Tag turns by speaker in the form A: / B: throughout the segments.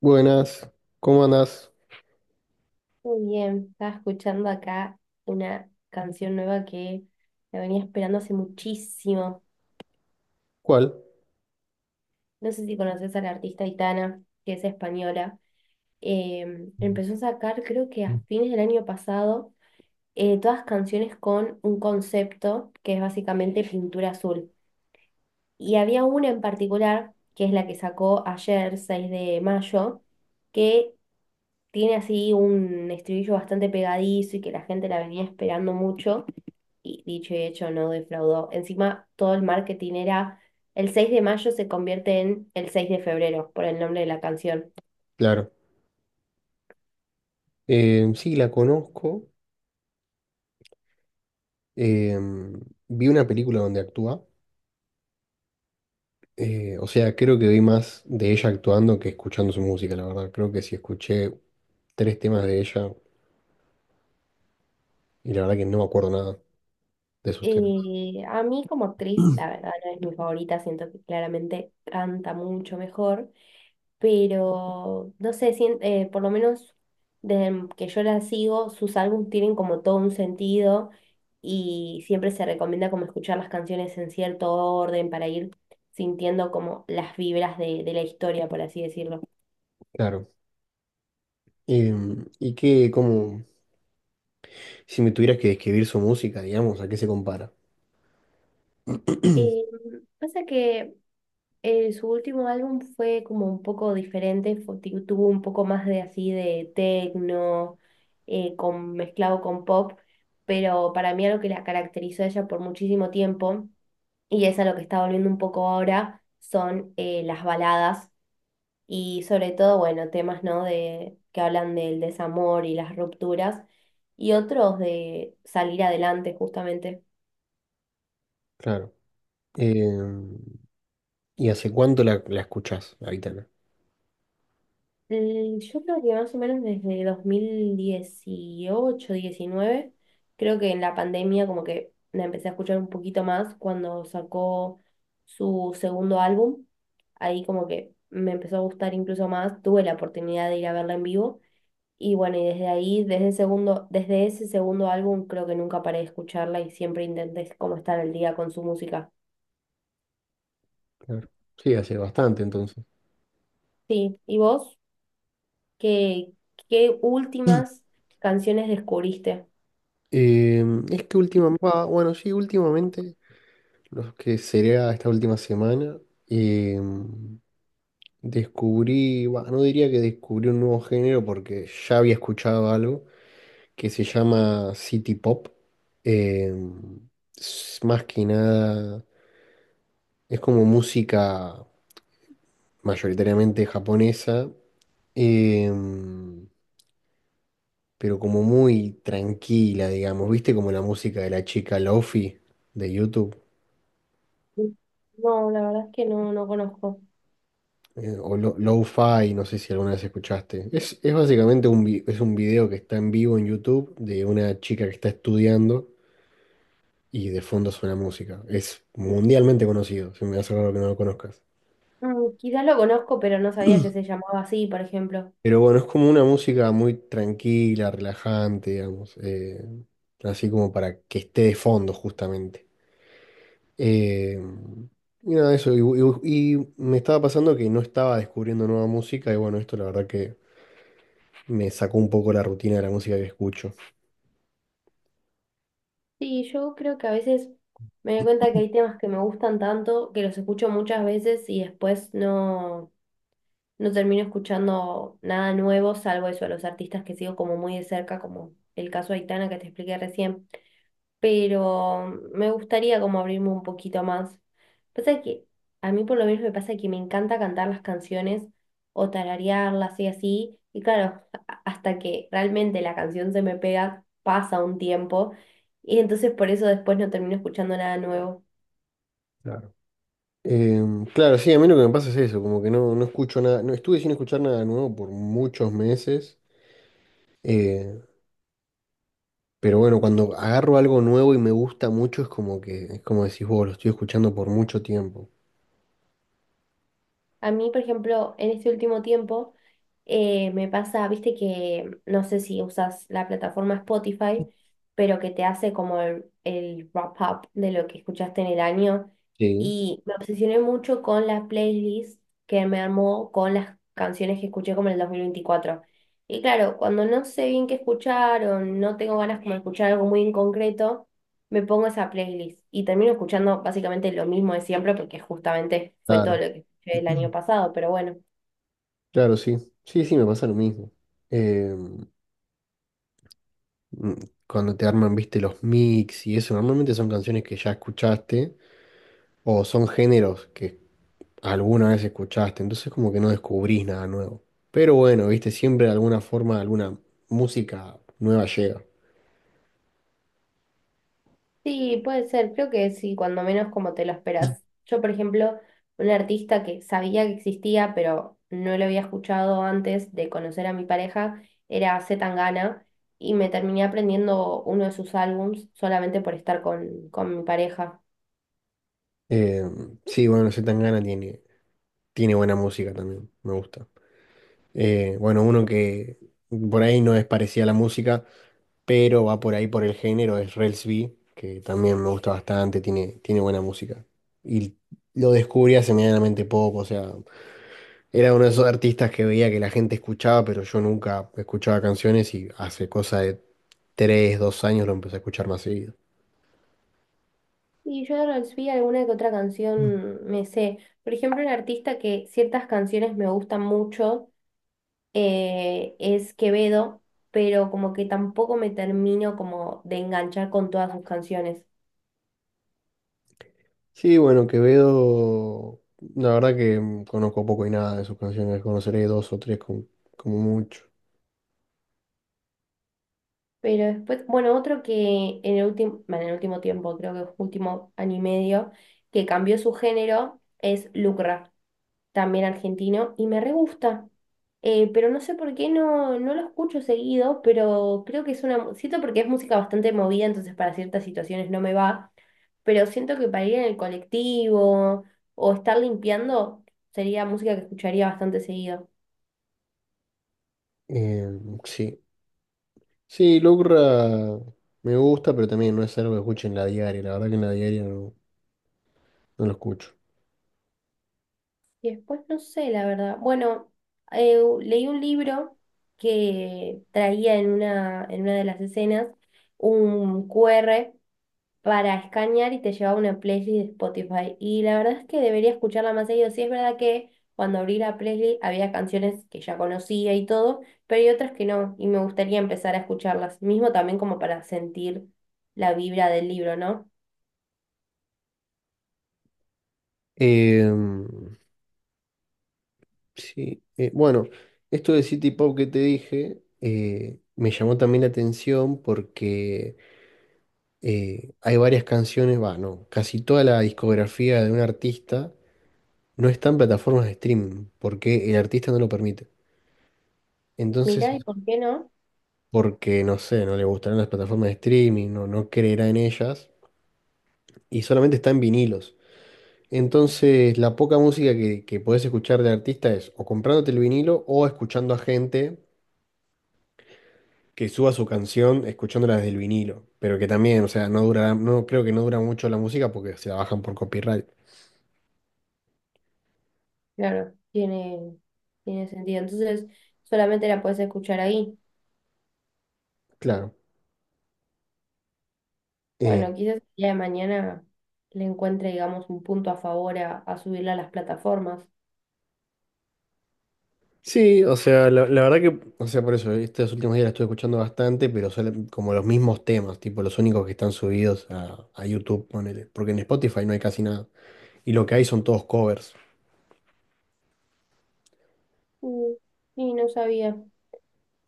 A: Buenas, ¿cómo andás?
B: Muy bien, estaba escuchando acá una canción nueva que la venía esperando hace muchísimo.
A: ¿Cuál?
B: No sé si conoces a la artista Itana, que es española. Empezó a sacar, creo que a fines del año pasado, todas canciones con un concepto que es básicamente pintura azul. Y había una en particular, que es la que sacó ayer, 6 de mayo, que tiene así un estribillo bastante pegadizo y que la gente la venía esperando mucho y dicho y hecho no defraudó. Encima, todo el marketing era el 6 de mayo se convierte en el 6 de febrero por el nombre de la canción.
A: Claro. Sí, la conozco. Eh, vi una película donde actúa. O sea, creo que vi más de ella actuando que escuchando su música, la verdad. Creo que sí escuché tres temas de ella y la verdad que no me acuerdo nada de sus temas.
B: Y a mí como actriz, la verdad, no es mi favorita, siento que claramente canta mucho mejor, pero no sé, por lo menos desde que yo la sigo, sus álbumes tienen como todo un sentido y siempre se recomienda como escuchar las canciones en cierto orden para ir sintiendo como las vibras de la historia, por así decirlo.
A: Claro. Eh, ¿Y qué como, si me tuvieras que describir su música, digamos, ¿a qué se compara?
B: Eh, Pasa que su último álbum fue como un poco diferente, tuvo un poco más de así de techno, con, mezclado con pop, pero para mí algo que la caracterizó a ella por muchísimo tiempo, y es a lo que está volviendo un poco ahora, son las baladas y sobre todo, bueno, temas, ¿no? de, que hablan del desamor y las rupturas, y otros de salir adelante justamente.
A: Claro. Eh, ¿Y hace cuánto la escuchás, la Aitana?
B: Mm, yo creo que más o menos desde 2018 2019, creo que en la pandemia como que la empecé a escuchar un poquito más cuando sacó su segundo álbum. Ahí como que me empezó a gustar incluso más, tuve la oportunidad de ir a verla en vivo y bueno, y desde ahí, desde el segundo, desde ese segundo álbum creo que nunca paré de escucharla y siempre intenté como estar al día con su música.
A: Claro. Sí, hace bastante entonces.
B: Sí, ¿y vos? ¿Qué, qué últimas canciones descubriste?
A: Eh, es que últimamente, bueno, sí, últimamente, los que sería esta última semana, eh, descubrí, bah, no diría que descubrí un nuevo género porque ya había escuchado algo que se llama City Pop. Eh, es más que nada, es como música mayoritariamente japonesa, eh, pero como muy tranquila, digamos, ¿viste? Como la música de la chica Lofi de YouTube.
B: No, la verdad es que no, no conozco.
A: Lo-Fi, no sé si alguna vez escuchaste. Es básicamente es un video que está en vivo en YouTube de una chica que está estudiando y de fondo suena música. Es mundialmente conocido, se me hace raro que no lo conozcas.
B: Mm, quizás lo conozco, pero no sabía que se llamaba así, por ejemplo.
A: Pero bueno, es como una música muy tranquila, relajante, digamos, así como para que esté de fondo justamente. Eh, y nada, eso, y me estaba pasando que no estaba descubriendo nueva música y bueno, esto la verdad que me sacó un poco la rutina de la música que escucho.
B: Sí, yo creo que a veces me doy cuenta que hay temas que me gustan tanto, que los escucho muchas veces y después no, no termino escuchando nada nuevo, salvo eso, a los artistas que sigo como muy de cerca, como el caso de Aitana que te expliqué recién. Pero me gustaría como abrirme un poquito más. Pasa que a mí por lo menos me pasa que me encanta cantar las canciones o tararearlas y así, y claro, hasta que realmente la canción se me pega, pasa un tiempo, y entonces por eso después no termino escuchando nada nuevo.
A: Em, claro, sí, a mí lo que me pasa es eso, como que no escucho nada, no estuve sin escuchar nada nuevo por muchos meses, eh, pero bueno, cuando agarro algo nuevo y me gusta mucho es como que, es como decís vos, lo estoy escuchando por mucho tiempo.
B: A mí, por ejemplo, en este último tiempo me pasa, viste que no sé si usas la plataforma Spotify, pero que te hace como el wrap up de lo que escuchaste en el año.
A: Sí.
B: Y me obsesioné mucho con la playlist que me armó con las canciones que escuché como en el 2024. Y claro, cuando no sé bien qué escuchar o no tengo ganas como de escuchar algo muy en concreto, me pongo esa playlist y termino escuchando básicamente lo mismo de siempre porque justamente fue todo
A: Claro.
B: lo que el año
A: Ujú.
B: pasado, pero bueno.
A: Claro, sí, sí, sí, me pasa lo mismo. Em, mm, cuando te arman, viste, los mix y eso, normalmente son canciones que ya escuchaste o son géneros que alguna vez escuchaste, entonces como que no descubrís nada nuevo. Pero bueno, viste, siempre de alguna forma, alguna música nueva llega.
B: Sí, puede ser, creo que sí, cuando menos como te lo esperas. Yo, por ejemplo, un artista que sabía que existía, pero no lo había escuchado antes de conocer a mi pareja, era C. Tangana, y me terminé aprendiendo uno de sus álbums solamente por estar con mi pareja.
A: Eh, sí, bueno, gana tiene buena música también, me gusta. Bueno, uno que por ahí no es parecida a la música, pero va por ahí por el género, es Rels B, que también me gusta bastante, tiene buena música. Y lo descubrí hace medianamente poco, o sea, era uno de esos artistas que veía que la gente escuchaba, pero yo nunca escuchaba canciones y hace cosa de tres, dos años lo empecé a escuchar más seguido.
B: Y yo de Rod Stewart alguna que otra canción me sé. Por ejemplo, un artista que ciertas canciones me gustan mucho, es Quevedo, pero como que tampoco me termino como de enganchar con todas sus canciones.
A: Sí, bueno, Quevedo, la verdad que conozco poco y nada de sus canciones, conoceré dos o tres como, como mucho.
B: Pero después, bueno, otro que en el último, bueno, en el último tiempo, creo que último año y medio, que cambió su género es Lucra. También argentino, y me re gusta. Pero no sé por qué no, no lo escucho seguido, pero creo que es siento porque es música bastante movida, entonces para ciertas situaciones no me va, pero siento que para ir en el colectivo o estar limpiando sería música que escucharía bastante seguido.
A: Eh, sí, sí, Lucra me gusta, pero también no es algo que escuche en la diaria, la verdad que en la diaria no lo escucho.
B: Y después no sé, la verdad. Bueno, leí un libro que traía en una de las escenas un QR para escanear y te lleva a una playlist de Spotify. Y la verdad es que debería escucharla más seguido. Sí, es verdad que cuando abrí la playlist había canciones que ya conocía y todo, pero hay otras que no, y me gustaría empezar a escucharlas, mismo también como para sentir la vibra del libro, ¿no?
A: Eh, Sí, bueno, esto de City Pop que te dije me llamó también la atención porque hay varias canciones, va, no, casi toda la discografía de un artista no está en plataformas de streaming porque el artista no lo permite. Entonces,
B: Mira, ¿y por qué no?
A: porque no sé, no le gustarán las plataformas de streaming, no creerá en ellas y solamente está en vinilos. Entonces, la poca música que podés escuchar de artista es o comprándote el vinilo o escuchando a gente que suba su canción escuchándola desde el vinilo, pero que también, o sea, no durará, no creo que no dura mucho la música porque se la bajan por copyright.
B: Claro, tiene, tiene sentido. Entonces, solamente la puedes escuchar ahí.
A: Claro. Eh,
B: Bueno, quizás el día de mañana le encuentre, digamos, un punto a favor a subirla a las plataformas.
A: sí, o sea, la verdad que, o sea, por eso, estos últimos días la estoy escuchando bastante, pero son como los mismos temas, tipo los únicos que están subidos a YouTube, ponele, porque en Spotify no hay casi nada, y lo que hay son todos covers.
B: Mm, sí, no sabía.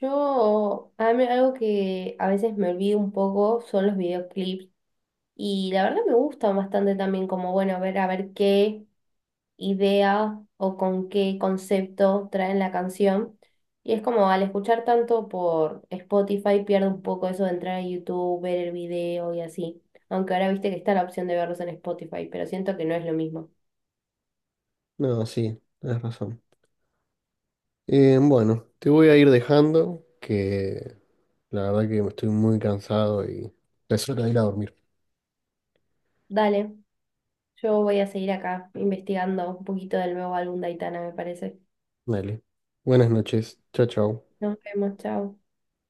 B: Yo, a mí algo que a veces me olvido un poco son los videoclips y la verdad me gusta bastante también como, bueno, ver a ver qué idea o con qué concepto traen la canción. Y es como al escuchar tanto por Spotify pierdo un poco eso de entrar a YouTube, ver el video y así. Aunque ahora viste que está la opción de verlos en Spotify, pero siento que no es lo mismo.
A: No, sí, tienes razón. Bueno, te voy a ir dejando, que la verdad que estoy muy cansado y es hora de ir a dormir.
B: Dale, yo voy a seguir acá investigando un poquito del nuevo álbum de Aitana, me parece.
A: Dale. Buenas noches. Chao, chao.
B: Nos vemos, chao.